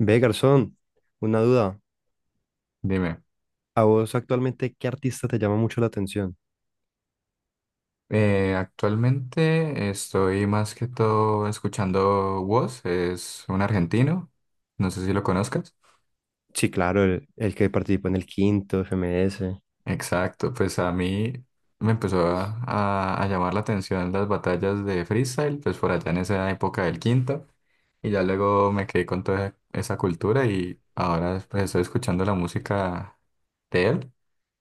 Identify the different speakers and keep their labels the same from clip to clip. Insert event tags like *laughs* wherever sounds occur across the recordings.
Speaker 1: Ve, garzón, una duda.
Speaker 2: Dime,
Speaker 1: ¿A vos actualmente qué artista te llama mucho la atención?
Speaker 2: actualmente estoy más que todo escuchando Woz, es un argentino, no sé si lo conozcas.
Speaker 1: Sí, claro, el que participó en el quinto, FMS.
Speaker 2: Exacto, pues a mí me empezó a llamar la atención las batallas de freestyle, pues por allá en esa época del quinto, y ya luego me quedé con toda esa cultura y ahora pues estoy escuchando la música de él,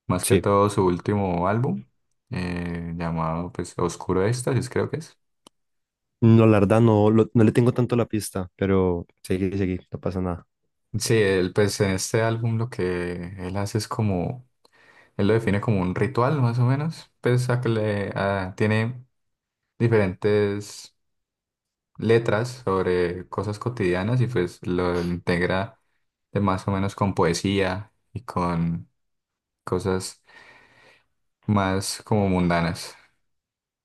Speaker 2: más que
Speaker 1: Sí.
Speaker 2: todo su último álbum, llamado pues Oscuro Éxtasis creo que es.
Speaker 1: No, la verdad no, no le tengo tanto la pista, pero seguí, seguí, no pasa nada.
Speaker 2: Sí, él, pues en este álbum lo que él hace es como, él lo define como un ritual más o menos, pues a que le, a- tiene diferentes letras sobre cosas cotidianas y pues lo integra de más o menos con poesía y con cosas más como mundanas.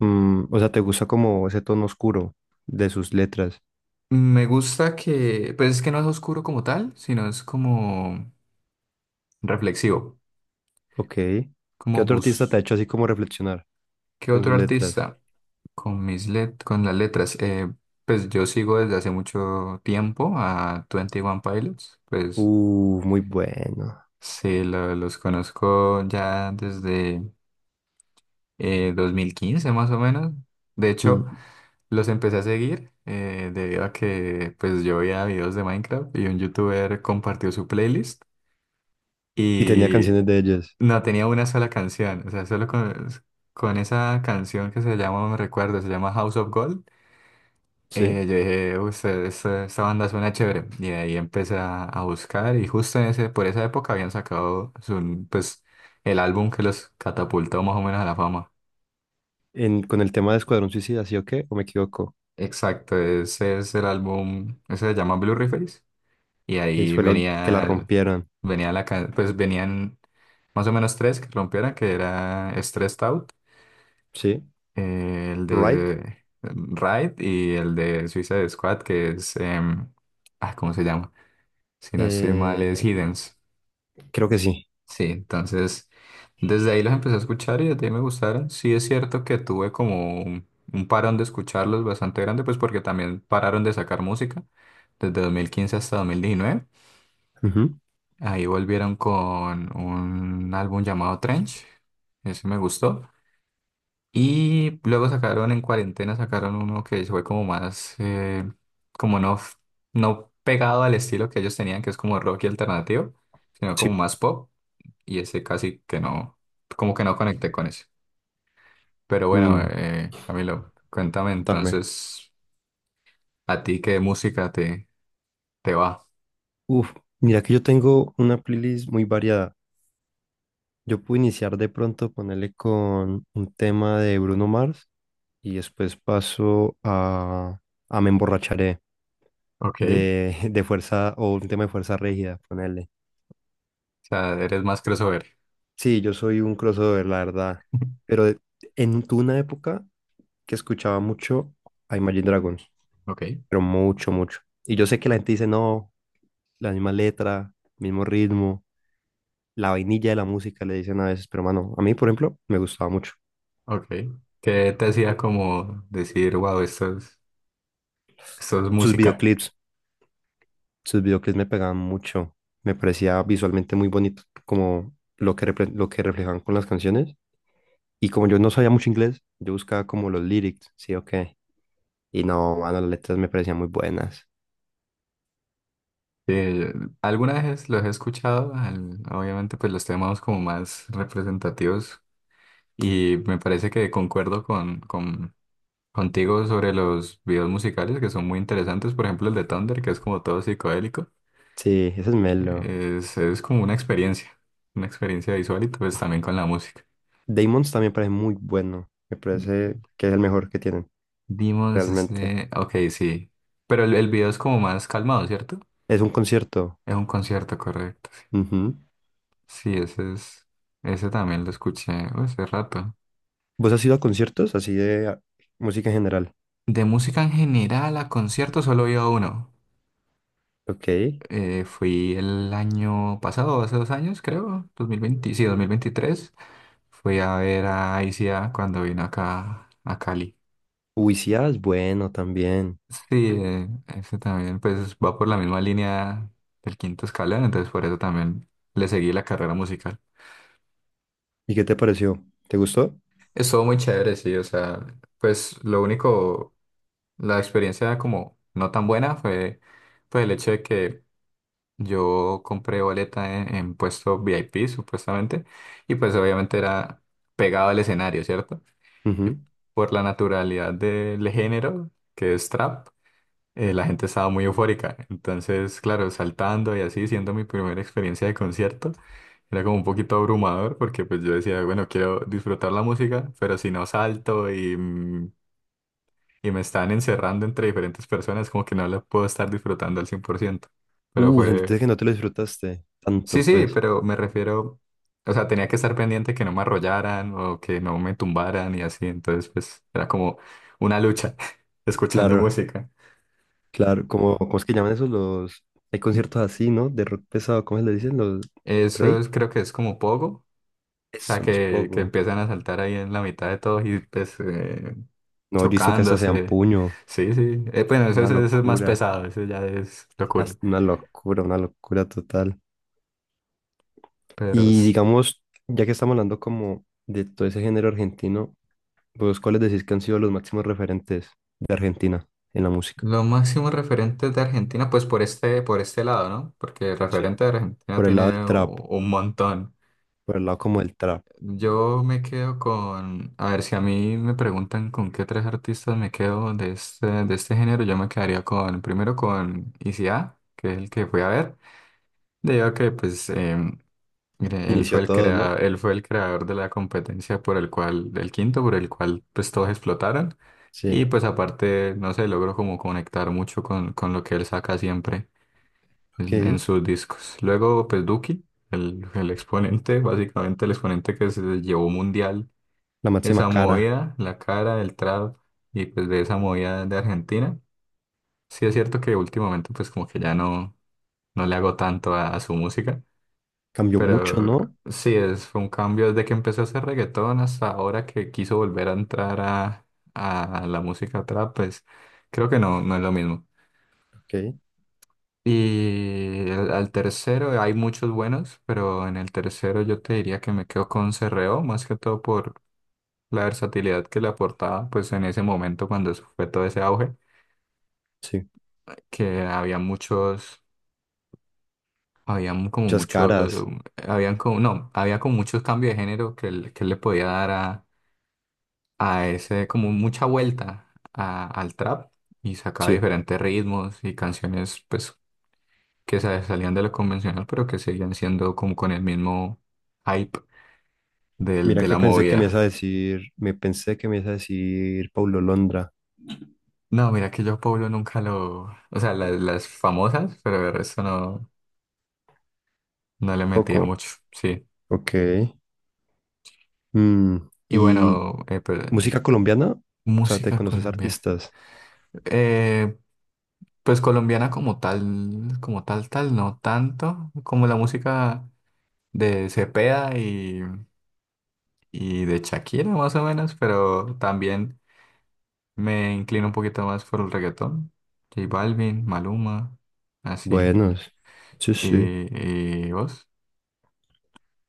Speaker 1: Mm, o sea, ¿te gusta como ese tono oscuro de sus letras?
Speaker 2: Me gusta que, pues es que no es oscuro como tal, sino es como reflexivo,
Speaker 1: Ok. ¿Qué
Speaker 2: como
Speaker 1: otro artista te ha
Speaker 2: bus.
Speaker 1: hecho así como reflexionar
Speaker 2: ¿Qué
Speaker 1: con
Speaker 2: otro
Speaker 1: sus letras?
Speaker 2: artista? Con las letras. Pues yo sigo desde hace mucho tiempo a Twenty One Pilots. Pues
Speaker 1: Muy bueno.
Speaker 2: sí, los conozco ya desde 2015 más o menos. De hecho,
Speaker 1: Mm.
Speaker 2: los empecé a seguir debido a que pues yo veía videos de Minecraft y un youtuber compartió su playlist
Speaker 1: Y tenía
Speaker 2: y
Speaker 1: canciones de ellas.
Speaker 2: no tenía una sola canción. O sea, solo con esa canción que se llama, no me recuerdo, se llama House of Gold.
Speaker 1: ¿Sí?
Speaker 2: Yo dije, "Uy, esta banda suena chévere." Y ahí empecé a buscar y justo en ese, por esa época habían sacado pues, el álbum que los catapultó más o menos a la fama.
Speaker 1: En, con el tema de Escuadrón Suicida, ¿sí o qué? ¿O me equivoco?
Speaker 2: Exacto, ese es el álbum, ese se llama Blue Face y ahí
Speaker 1: Fue lo que la
Speaker 2: venía,
Speaker 1: rompieron.
Speaker 2: venía pues venían más o menos tres que rompieran, que era Stressed Out,
Speaker 1: ¿Sí?
Speaker 2: el
Speaker 1: Right?
Speaker 2: de Ride y el de Suicide Squad, que es, ah, ¿cómo se llama? Si no estoy mal, es
Speaker 1: Eh,
Speaker 2: Hiddens.
Speaker 1: Creo que sí.
Speaker 2: Sí, entonces desde ahí los empecé a escuchar y desde ahí me gustaron. Sí es cierto que tuve como un parón de escucharlos bastante grande, pues porque también pararon de sacar música desde 2015 hasta 2019.
Speaker 1: Ujú.
Speaker 2: Ahí volvieron con un álbum llamado Trench, ese me gustó. Y luego sacaron en cuarentena, sacaron uno que fue como más, como no, no pegado al estilo que ellos tenían, que es como rock y alternativo, sino como
Speaker 1: Sí.
Speaker 2: más pop y ese casi que no, como que no conecté con eso. Pero bueno,
Speaker 1: Mm,
Speaker 2: Camilo, cuéntame
Speaker 1: contame.
Speaker 2: entonces, ¿a ti qué música te va?
Speaker 1: Uf, mira que yo tengo una playlist muy variada. Yo puedo iniciar de pronto, ponerle con un tema de Bruno Mars y después paso a Me Emborracharé
Speaker 2: Ok, o
Speaker 1: de, *laughs* de Fuerza o un tema de Fuerza Rígida, ponerle.
Speaker 2: sea, eres más crossover.
Speaker 1: Sí, yo soy un crossover, la verdad.
Speaker 2: *laughs*
Speaker 1: Pero de- en tuve una época que escuchaba mucho a Imagine Dragons,
Speaker 2: Ok,
Speaker 1: pero mucho, mucho. Y yo sé que la gente dice, no, la misma letra, mismo ritmo, la vainilla de la música, le dicen a veces, pero mano, a mí, por ejemplo, me gustaba mucho.
Speaker 2: ok. ¿Qué te hacía como decir, wow, esto esto es
Speaker 1: Sus
Speaker 2: música?
Speaker 1: videoclips, sus videoclips me pegaban mucho, me parecía visualmente muy bonito, como lo que, lo que reflejaban con las canciones. Y como yo no sabía mucho inglés, yo buscaba como los lyrics, sí, ok. Y no, mano, las letras me parecían muy buenas.
Speaker 2: Eh, algunas veces los he escuchado, obviamente pues los temas como más representativos y me parece que concuerdo contigo sobre los videos musicales que son muy interesantes. Por ejemplo, el de Thunder, que es como todo psicodélico.
Speaker 1: Sí, ese es Melo.
Speaker 2: Es como una experiencia visual y pues también con la música.
Speaker 1: Damon's también parece muy bueno. Me parece que es el mejor que tienen,
Speaker 2: Dimos
Speaker 1: realmente.
Speaker 2: este... Ok, sí. Pero el video es como más calmado, ¿cierto?
Speaker 1: Es un concierto.
Speaker 2: Es un concierto, correcto. Sí,
Speaker 1: Ujú.
Speaker 2: sí, ese es... Ese también lo escuché hace rato.
Speaker 1: ¿Vos has ido a conciertos así de música en general?
Speaker 2: De música en general a concierto solo he ido a uno.
Speaker 1: Ok.
Speaker 2: Fui el año pasado, hace 2 años, creo. 2020, sí, 2023. Fui a ver a ICA cuando vino acá a Cali.
Speaker 1: Uicía es bueno también.
Speaker 2: Sí, ese también pues va por la misma línea del quinto escalón, entonces por eso también le seguí la carrera musical.
Speaker 1: ¿Y qué te pareció? ¿Te gustó?
Speaker 2: Estuvo muy chévere, sí, o sea, pues lo único, la experiencia como no tan buena fue pues el hecho de que yo compré boleta en puesto VIP supuestamente y pues obviamente era pegado al escenario, ¿cierto? Y
Speaker 1: Ujú.
Speaker 2: por la naturalidad del género, que es trap. La gente estaba muy eufórica. Entonces, claro, saltando y así, siendo mi primera experiencia de concierto, era como un poquito abrumador porque pues yo decía, bueno, quiero disfrutar la música, pero si no salto y me están encerrando entre diferentes personas, como que no la puedo estar disfrutando al 100%. Pero fue...
Speaker 1: Sentiste que no te lo disfrutaste
Speaker 2: Sí,
Speaker 1: tanto,
Speaker 2: sí,
Speaker 1: pues.
Speaker 2: pero me refiero... O sea, tenía que estar pendiente que no me arrollaran o que no me tumbaran y así. Entonces, pues era como una lucha *laughs* escuchando
Speaker 1: Claro,
Speaker 2: música.
Speaker 1: claro. Como, ¿cómo es que llaman esos los... Hay conciertos así, ¿no? De rock pesado, ¿cómo se le dicen? Los...
Speaker 2: Eso
Speaker 1: ¿Rake?
Speaker 2: creo que es como poco. O sea,
Speaker 1: Eso, los
Speaker 2: que
Speaker 1: pogo.
Speaker 2: empiezan a saltar ahí en la mitad de todos y pues
Speaker 1: No, yo hizo que esas sean
Speaker 2: chocándose.
Speaker 1: puño.
Speaker 2: Sí, sí. Bueno,
Speaker 1: Una
Speaker 2: eso es más
Speaker 1: locura.
Speaker 2: pesado, eso ya es locura.
Speaker 1: Una locura, una locura total.
Speaker 2: Pero
Speaker 1: Y digamos, ya que estamos hablando como de todo ese género argentino, ¿vos cuáles decís que han sido los máximos referentes de Argentina en la música?
Speaker 2: lo máximo referente de Argentina, pues por este lado, ¿no? Porque
Speaker 1: Sí.
Speaker 2: referente de Argentina
Speaker 1: Por el lado del
Speaker 2: tiene
Speaker 1: trap,
Speaker 2: un montón.
Speaker 1: por el lado como del trap.
Speaker 2: Yo me quedo con, a ver, si a mí me preguntan con qué tres artistas me quedo de este género, yo me quedaría con, primero con ICA, que es el que fui a ver. Digo que pues... Mire, él fue
Speaker 1: Inició
Speaker 2: el
Speaker 1: todo, ¿no?
Speaker 2: él fue el creador de la competencia por el cual, del quinto, por el cual pues todos explotaron. Y
Speaker 1: Sí,
Speaker 2: pues aparte, no sé, logró como conectar mucho con lo que él saca siempre en
Speaker 1: ok.
Speaker 2: sus discos. Luego, pues Duki, el exponente, básicamente el exponente que se llevó mundial
Speaker 1: La
Speaker 2: esa
Speaker 1: máxima cara.
Speaker 2: movida, la cara, el trap y pues de esa movida de Argentina. Sí es cierto que últimamente pues como que ya no, no le hago tanto a su música.
Speaker 1: Cambió mucho,
Speaker 2: Pero
Speaker 1: ¿no?
Speaker 2: sí, es, fue un cambio desde que empezó a hacer reggaetón hasta ahora que quiso volver a entrar a la música trap, pues creo que no, no es lo mismo.
Speaker 1: Ok,
Speaker 2: Y al tercero hay muchos buenos, pero en el tercero yo te diría que me quedo con Cerreo, más que todo por la versatilidad que le aportaba, pues en ese momento cuando eso fue todo ese auge,
Speaker 1: sí.
Speaker 2: que había
Speaker 1: Muchas
Speaker 2: muchos,
Speaker 1: caras.
Speaker 2: habían como, no, había como muchos cambios de género que, que él le podía dar a ese, como mucha vuelta al trap y sacaba
Speaker 1: Sí.
Speaker 2: diferentes ritmos y canciones pues que salían de lo convencional pero que seguían siendo como con el mismo hype del,
Speaker 1: Mira
Speaker 2: de
Speaker 1: que
Speaker 2: la
Speaker 1: pensé que me
Speaker 2: movida.
Speaker 1: ibas a decir, me pensé que me ibas a decir Paulo Londra.
Speaker 2: No, mira que yo a Pablo nunca lo, o sea, las, famosas, pero el resto no, no le metía
Speaker 1: Poco.
Speaker 2: mucho, sí.
Speaker 1: Ok. Mm,
Speaker 2: Y
Speaker 1: ¿y
Speaker 2: bueno,
Speaker 1: música colombiana? O sea, ¿te
Speaker 2: música
Speaker 1: conoces
Speaker 2: colombiana.
Speaker 1: artistas?
Speaker 2: Eh, pues colombiana como tal, no tanto como la música de Cepeda y de Shakira más o menos, pero también me inclino un poquito más por el reggaetón. J Balvin, Maluma, así.
Speaker 1: Buenos. Sí, sí.
Speaker 2: ¿Y, vos?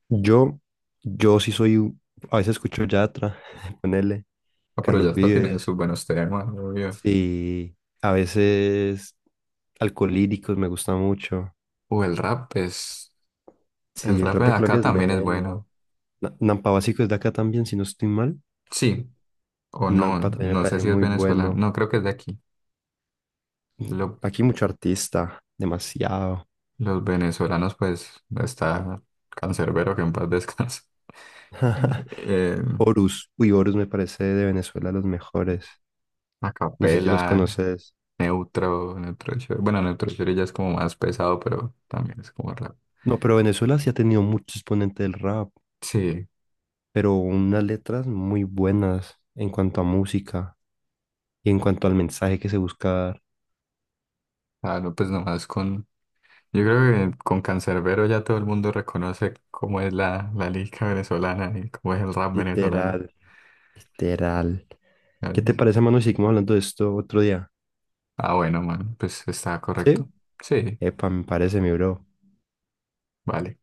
Speaker 1: Yo, yo sí soy, a veces escucho Yatra, *laughs* ponele,
Speaker 2: Ah, pero
Speaker 1: Carlos
Speaker 2: Yatra tiene
Speaker 1: Vives.
Speaker 2: sus buenos temas, obvio.
Speaker 1: Sí, a veces Alcolíricos me gusta mucho.
Speaker 2: O el rap es... El
Speaker 1: Sí, el
Speaker 2: rap
Speaker 1: rap
Speaker 2: de
Speaker 1: de
Speaker 2: acá
Speaker 1: Colombia es
Speaker 2: también es bueno.
Speaker 1: melo. Nampa Básico es de acá también, si no estoy mal.
Speaker 2: Sí, o no,
Speaker 1: Nampa también me
Speaker 2: no sé
Speaker 1: parece
Speaker 2: si es
Speaker 1: muy
Speaker 2: venezolano.
Speaker 1: bueno.
Speaker 2: No, creo que es de aquí. Lo-
Speaker 1: Aquí mucho artista, demasiado.
Speaker 2: los venezolanos, pues, está Cancerbero que en paz descanse. *laughs* Eh,
Speaker 1: Horus. Uy, Horus me parece de Venezuela los mejores. No sé si los
Speaker 2: Acapela
Speaker 1: conoces.
Speaker 2: Neutro Shore. Bueno, Neutro Shore ya es como más pesado, pero también es como rap.
Speaker 1: No, pero Venezuela sí ha tenido mucho exponente del rap,
Speaker 2: Sí,
Speaker 1: pero unas letras muy buenas en cuanto a música y en cuanto al mensaje que se busca dar.
Speaker 2: claro, pues nomás con. Yo creo que con Canserbero ya todo el mundo reconoce cómo es la lírica venezolana y cómo es el rap venezolano.
Speaker 1: Literal, literal. ¿Qué te parece, mano, si seguimos hablando de esto otro día?
Speaker 2: Ah, bueno, man, pues está
Speaker 1: ¿Sí?
Speaker 2: correcto. Sí,
Speaker 1: Epa, me parece, mi bro.
Speaker 2: vale.